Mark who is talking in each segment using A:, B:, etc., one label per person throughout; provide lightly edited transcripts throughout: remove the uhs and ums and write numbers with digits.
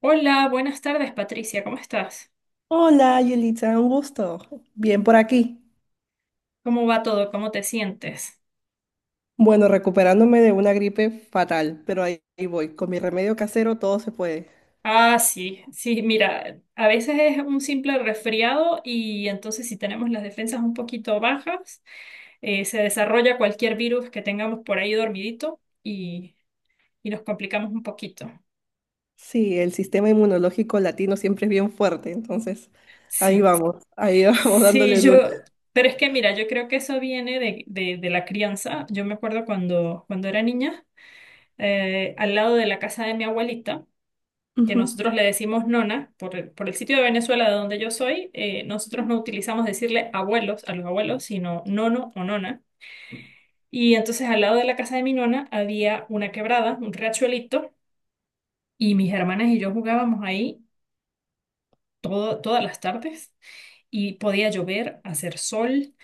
A: Hola, buenas tardes, Patricia, ¿cómo estás?
B: Hola, Yelitza, un gusto. Bien por aquí.
A: ¿Cómo va todo? ¿Cómo te sientes?
B: Bueno, recuperándome de una gripe fatal, pero ahí voy. Con mi remedio casero todo se puede.
A: Ah, sí, sí, mira, a veces es un simple resfriado y entonces si tenemos las defensas un poquito bajas, se desarrolla cualquier virus que tengamos por ahí dormidito y nos complicamos un poquito.
B: Sí, el sistema inmunológico latino siempre es bien fuerte, entonces ahí
A: Sí,
B: vamos, ahí vamos
A: sí,
B: dándole lucha.
A: yo, pero es que mira, yo creo que eso viene de la crianza. Yo me acuerdo cuando era niña, al lado de la casa de mi abuelita, que
B: Ujú.
A: nosotros le decimos nona, por el sitio de Venezuela de donde yo soy. Nosotros no utilizamos decirle abuelos a los abuelos, sino nono o nona. Y entonces al lado de la casa de mi nona había una quebrada, un riachuelito, y mis hermanas y yo jugábamos ahí todas las tardes, y podía llover, hacer sol,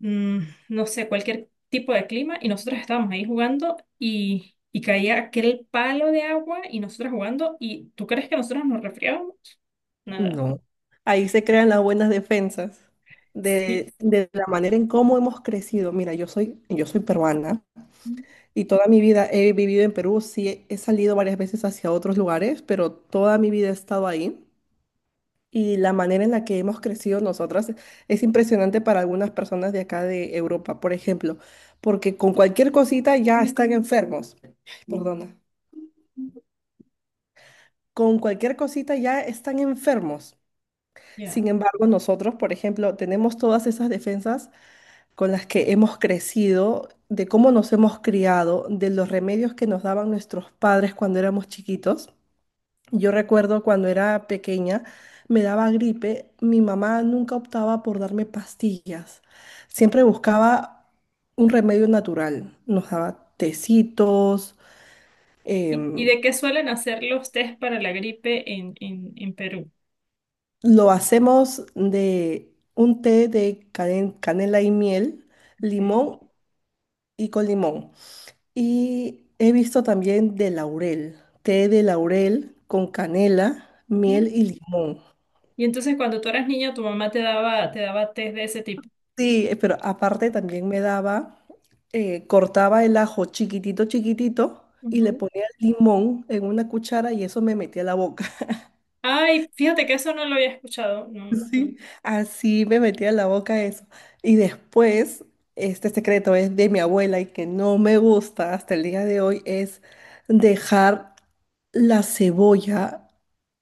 A: mm, no sé, cualquier tipo de clima, y nosotros estábamos ahí jugando, y caía aquel palo de agua y nosotros jugando. ¿Y tú crees que nosotros nos resfriábamos? Nada.
B: No. Ahí se crean las buenas defensas
A: Sí.
B: de la manera en cómo hemos crecido. Mira, yo soy peruana y toda mi vida he vivido en Perú. Sí, he salido varias veces hacia otros lugares, pero toda mi vida he estado ahí. Y la manera en la que hemos crecido nosotras es impresionante para algunas personas de acá de Europa, por ejemplo, porque con cualquier cosita ya están enfermos. Ay, perdona. Con cualquier cosita ya están enfermos.
A: Ya.
B: Sin embargo, nosotros, por ejemplo, tenemos todas esas defensas con las que hemos crecido, de cómo nos hemos criado, de los remedios que nos daban nuestros padres cuando éramos chiquitos. Yo recuerdo cuando era pequeña, me daba gripe, mi mamá nunca optaba por darme pastillas, siempre buscaba un remedio natural, nos daba tecitos,
A: ¿Y
B: em,
A: de qué suelen hacer los test para la gripe en Perú?
B: lo hacemos de un té de canela y miel,
A: Ok.
B: limón y con limón. Y he visto también de laurel, té de laurel con canela,
A: Mm.
B: miel y limón.
A: Y entonces cuando tú eras niña, tu mamá te daba test de ese tipo.
B: Sí, pero aparte también me daba, cortaba el ajo chiquitito, chiquitito y le
A: Ujú.
B: ponía limón en una cuchara y eso me metía a la boca.
A: Ay, fíjate que eso no lo había escuchado, no.
B: Sí, así me metía a la boca eso. Y después, este secreto es de mi abuela y que no me gusta hasta el día de hoy, es dejar la cebolla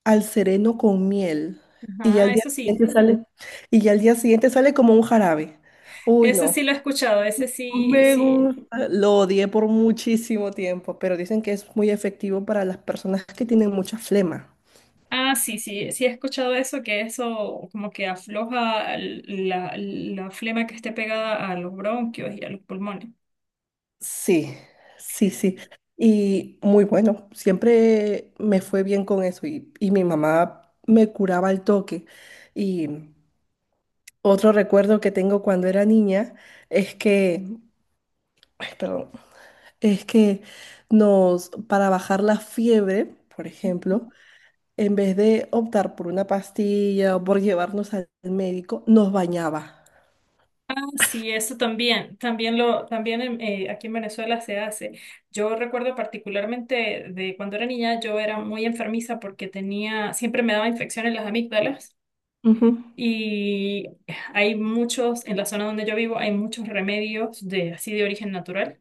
B: al sereno con miel. Y ya al
A: Ajá,
B: día
A: eso sí.
B: siguiente sale, y ya al día siguiente sale como un jarabe. Uy,
A: Ese sí
B: no.
A: lo he escuchado, ese
B: No
A: sí,
B: Me
A: sí.
B: gusta. Lo odié por muchísimo tiempo, pero dicen que es muy efectivo para las personas que tienen mucha flema.
A: Ah, sí, sí, sí he escuchado eso, que eso como que afloja la flema que esté pegada a los bronquios y a los pulmones.
B: Sí, sí, sí. Y muy bueno, siempre me fue bien con eso y mi mamá me curaba al toque. Y otro recuerdo que tengo cuando era niña es que, ay, perdón, es que nos, para bajar la fiebre, por ejemplo, en vez de optar por una pastilla o por llevarnos al médico, nos bañaba.
A: Sí, eso también, aquí en Venezuela se hace. Yo recuerdo particularmente de cuando era niña. Yo era muy enfermiza porque tenía, siempre me daba infección en las amígdalas,
B: Ujú.
A: y hay muchos, en la zona donde yo vivo, hay muchos remedios de así de origen natural.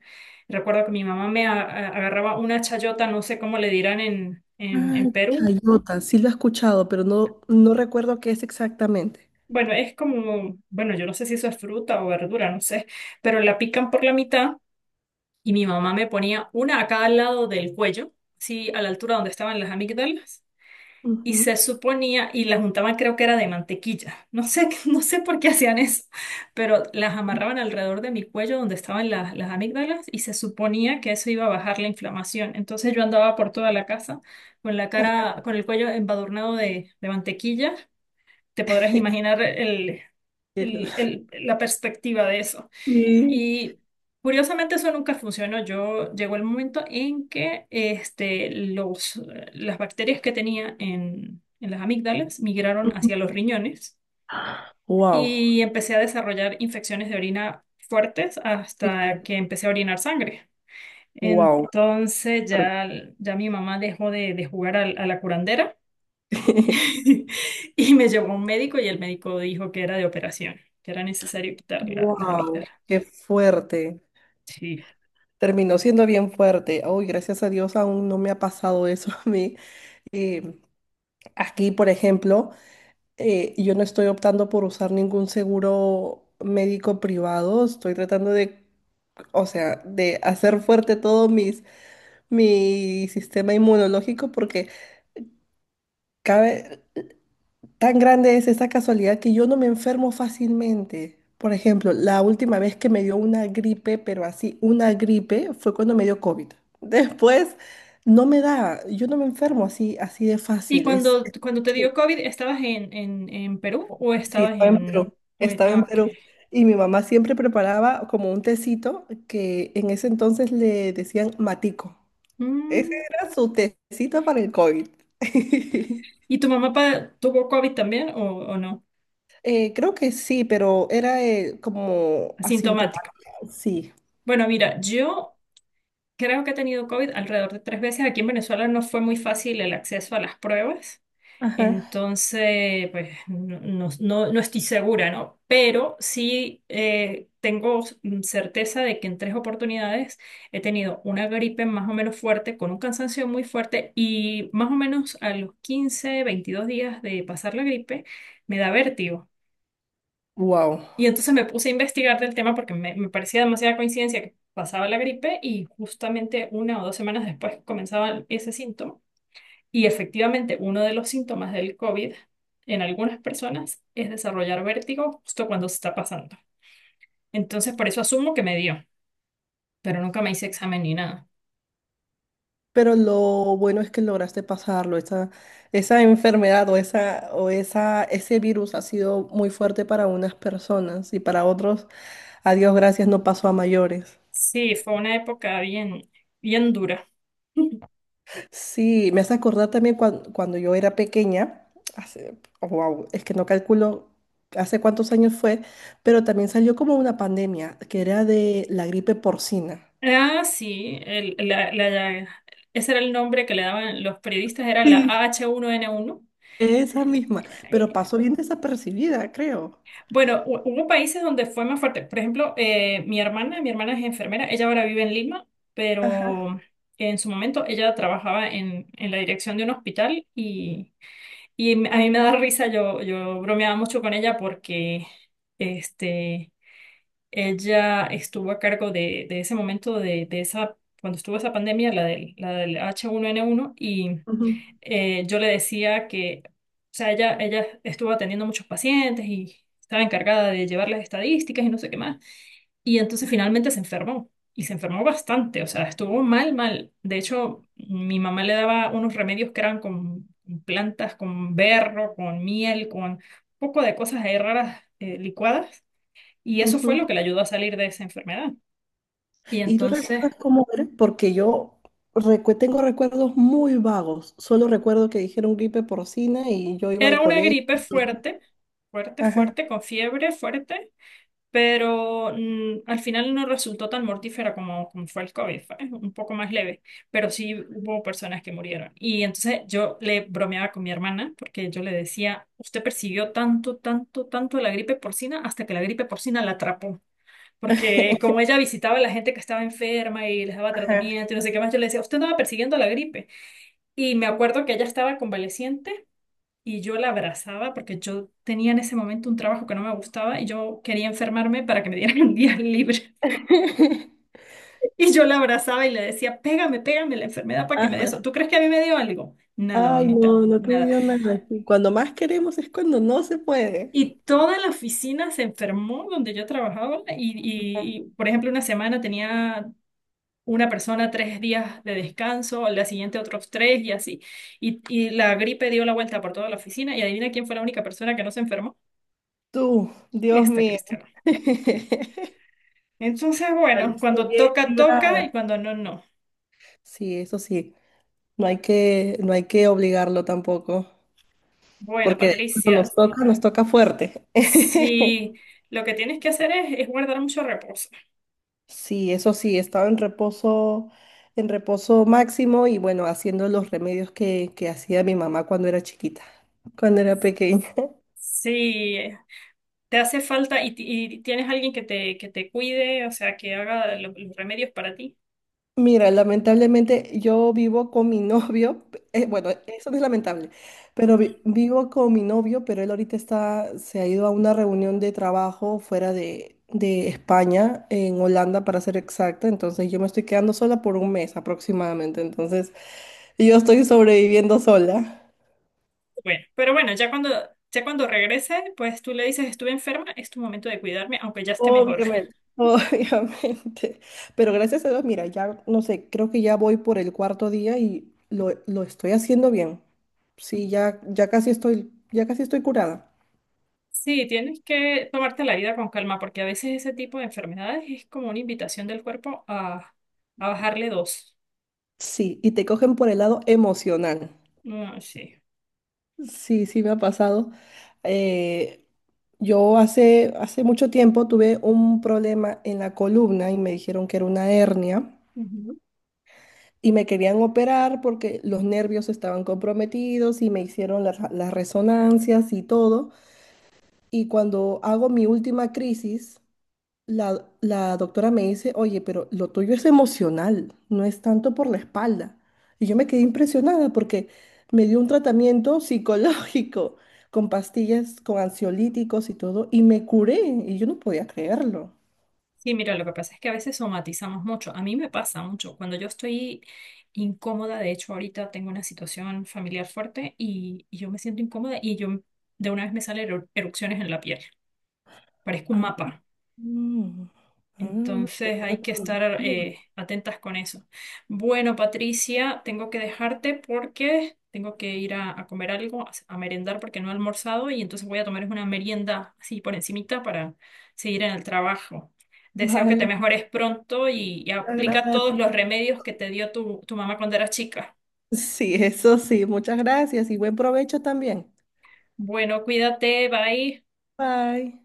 A: Recuerdo que mi mamá me agarraba una chayota, no sé cómo le dirán en, en,
B: Ah,
A: en Perú.
B: chayota, sí lo he escuchado, pero no, no recuerdo qué es exactamente.
A: Bueno, es como, bueno, yo no sé si eso es fruta o verdura, no sé, pero la pican por la mitad. Y mi mamá me ponía una acá al lado del cuello, sí, a la altura donde estaban las amígdalas, y
B: Ujú.
A: se suponía, y la juntaban, creo que era de mantequilla. No sé, no sé por qué hacían eso, pero las amarraban alrededor de mi cuello donde estaban las amígdalas y se suponía que eso iba a bajar la inflamación. Entonces yo andaba por toda la casa con la cara, con el cuello embadurnado de mantequilla. Te podrás imaginar el-
B: El-
A: el- el- la perspectiva de eso.
B: Sí.
A: Y curiosamente eso nunca funcionó. Yo, llegó el momento en que este, los, las bacterias que tenía en las amígdalas migraron hacia los riñones,
B: Wow,
A: y empecé a desarrollar infecciones de orina fuertes, hasta que empecé a orinar sangre.
B: wow,
A: Entonces ya, ya mi mamá dejó de jugar a la curandera. Y me llevó un médico, y el médico dijo que era de operación, que era necesario quitar las
B: wow,
A: amígdalas.
B: qué fuerte.
A: Sí.
B: Terminó siendo bien fuerte. Uy, gracias a Dios aún no me ha pasado eso a mí. Eh, aquí, por ejemplo, yo no estoy optando por usar ningún seguro médico privado, estoy tratando de, o sea, de hacer fuerte todo mis, mi sistema inmunológico porque cabe, tan grande es esta casualidad que yo no me enfermo fácilmente. Por ejemplo, la última vez que me dio una gripe, pero así, una gripe, fue cuando me dio COVID. Después no me da, yo no me enfermo así, así de
A: ¿Y
B: fácil.
A: cuando, cuando te
B: Sí.
A: dio COVID, estabas en Perú o
B: Sí,
A: estabas
B: estaba en
A: en,
B: Perú,
A: o en-
B: estaba en
A: ah, ok.
B: Perú. Y mi mamá siempre preparaba como un tecito que en ese entonces le decían matico. Ese
A: Mm.
B: era su tecito para el COVID.
A: ¿Y tu mamá tuvo COVID también o no?
B: Creo que sí, pero era como
A: Asintomático.
B: asintomática. Sí.
A: Bueno, mira, yo creo que he tenido COVID alrededor de tres veces. Aquí en Venezuela no fue muy fácil el acceso a las pruebas.
B: Ajá.
A: Entonces, pues no estoy segura, ¿no? Pero sí, tengo, certeza de que en tres oportunidades he tenido una gripe más o menos fuerte, con un cansancio muy fuerte, y más o menos a los 15 22 días de pasar la gripe me da vértigo.
B: Wow.
A: Y entonces me puse a investigar del tema porque me parecía demasiada coincidencia que pasaba la gripe y justamente una o 2 semanas después comenzaba ese síntoma. Y efectivamente, uno de los síntomas del COVID en algunas personas es desarrollar vértigo justo cuando se está pasando. Entonces, por eso asumo que me dio, pero nunca me hice examen ni nada.
B: Pero lo bueno es que lograste pasarlo. Esa enfermedad ese virus ha sido muy fuerte para unas personas y para otros, a Dios gracias, no pasó a mayores.
A: Sí, fue una época bien, bien dura.
B: Sí, me hace acordar también cuando, yo era pequeña, hace, wow, es que no calculo hace cuántos años fue, pero también salió como una pandemia, que era de la gripe porcina.
A: Ah, sí, ese era el nombre que le daban los periodistas, era la
B: Sí.
A: H1N1.
B: Esa misma, pero pasó bien desapercibida, creo.
A: Bueno, hubo países donde fue más fuerte. Por ejemplo, mi hermana es enfermera, ella ahora vive en Lima,
B: Ajá.
A: pero en su momento ella trabajaba en la dirección de un hospital, y a mí me da risa. Yo bromeaba mucho con ella porque este, ella estuvo a cargo de ese momento, de esa, cuando estuvo esa pandemia, la del H1N1. y
B: ujú,
A: eh, yo le decía que, o sea, ella estuvo atendiendo muchos pacientes y estaba encargada de llevar las estadísticas y no sé qué más. Y entonces finalmente se enfermó. Y se enfermó bastante, o sea, estuvo mal, mal. De hecho, mi mamá le daba unos remedios que eran con plantas, con berro, con miel, con un poco de cosas ahí raras, licuadas. Y eso fue lo
B: ujú.
A: que le ayudó a salir de esa enfermedad. Y
B: ¿Y tú
A: entonces
B: recuerdas cómo era? Porque yo tengo recuerdos muy vagos. Solo recuerdo que dijeron gripe porcina y yo iba al
A: era una
B: colegio.
A: gripe fuerte, fuerte,
B: Ajá.
A: fuerte, con fiebre fuerte, pero al final no resultó tan mortífera como fue el COVID, fue un poco más leve, pero sí hubo personas que murieron. Y entonces yo le bromeaba con mi hermana porque yo le decía, usted persiguió tanto, tanto, tanto la gripe porcina, hasta que la gripe porcina la atrapó. Porque como ella visitaba a la gente que estaba enferma y les daba
B: Ajá.
A: tratamiento y no sé qué más, yo le decía, usted andaba persiguiendo la gripe. Y me acuerdo que ella estaba convaleciente, y yo la abrazaba porque yo tenía en ese momento un trabajo que no me gustaba, y yo quería enfermarme para que me dieran un día libre. Y yo la abrazaba y le decía, pégame, pégame la enfermedad para que me dé eso.
B: Ajá.
A: ¿Tú crees que a mí me dio algo? Nada,
B: Ay,
A: mamita,
B: no, no te
A: nada.
B: dio nada. Y cuando más queremos es cuando no se puede.
A: Y toda la oficina se enfermó donde yo trabajaba, y, por ejemplo, una semana tenía, una persona 3 días de descanso, al día siguiente otros tres y así. Y la gripe dio la vuelta por toda la oficina, y adivina quién fue la única persona que no se enfermó.
B: Tú, Dios
A: Esta
B: mío.
A: cristiana. Entonces, bueno,
B: Saliste
A: cuando
B: bien
A: toca, toca,
B: librada.
A: y cuando no, no.
B: Sí, eso sí. No hay que obligarlo tampoco.
A: Bueno,
B: Porque de ahí cuando
A: Patricia,
B: nos toca fuerte.
A: si lo que tienes que hacer es guardar mucho reposo.
B: Sí, eso sí, estaba en reposo máximo y bueno, haciendo los remedios que hacía mi mamá cuando era chiquita, cuando era pequeña.
A: Si te hace falta, y tienes alguien que te cuide, o sea, que haga los remedios para ti.
B: Mira, lamentablemente yo vivo con mi novio, bueno, eso no es lamentable, pero vivo con mi novio, pero él ahorita está, se ha ido a una reunión de trabajo fuera de España, en Holanda para ser exacta, entonces yo me estoy quedando sola por un mes aproximadamente, entonces yo estoy sobreviviendo sola.
A: Bueno, pero bueno, ya cuando regrese, pues tú le dices, estuve enferma, es tu momento de cuidarme, aunque ya esté mejor.
B: Obviamente. Obviamente. Pero gracias a Dios, mira, ya no sé, creo que ya voy por el cuarto día y lo estoy haciendo bien. Sí, ya casi estoy curada.
A: Sí, tienes que tomarte la vida con calma, porque a veces ese tipo de enfermedades es como una invitación del cuerpo a bajarle dos.
B: Sí, y te cogen por el lado emocional.
A: No, sí.
B: Sí, sí me ha pasado. Eh, yo hace mucho tiempo tuve un problema en la columna y me dijeron que era una hernia.
A: Ujú.
B: Y me querían operar porque los nervios estaban comprometidos y me hicieron las resonancias y todo. Y cuando hago mi última crisis, la doctora me dice, oye, pero lo tuyo es emocional, no es tanto por la espalda. Y yo me quedé impresionada porque me dio un tratamiento psicológico con pastillas, con ansiolíticos y todo, y me curé. Y yo no podía creerlo.
A: Sí, mira, lo que pasa es que a veces somatizamos mucho. A mí me pasa mucho. Cuando yo estoy incómoda, de hecho, ahorita tengo una situación familiar fuerte, y yo me siento incómoda, y yo de una vez me salen erupciones en la piel. Parezco un
B: Ah,
A: mapa.
B: mm, ah,
A: Entonces hay que estar
B: bien.
A: atentas con eso. Bueno, Patricia, tengo que dejarte porque tengo que ir a comer algo, a merendar, porque no he almorzado, y entonces voy a tomar una merienda así por encimita para seguir en el trabajo. Deseo que te
B: Vale,
A: mejores pronto, y
B: muchas
A: aplica
B: gracias.
A: todos los remedios que te dio tu mamá cuando eras chica.
B: Sí, eso sí. Muchas gracias y buen provecho también.
A: Bueno, cuídate, bye.
B: Bye.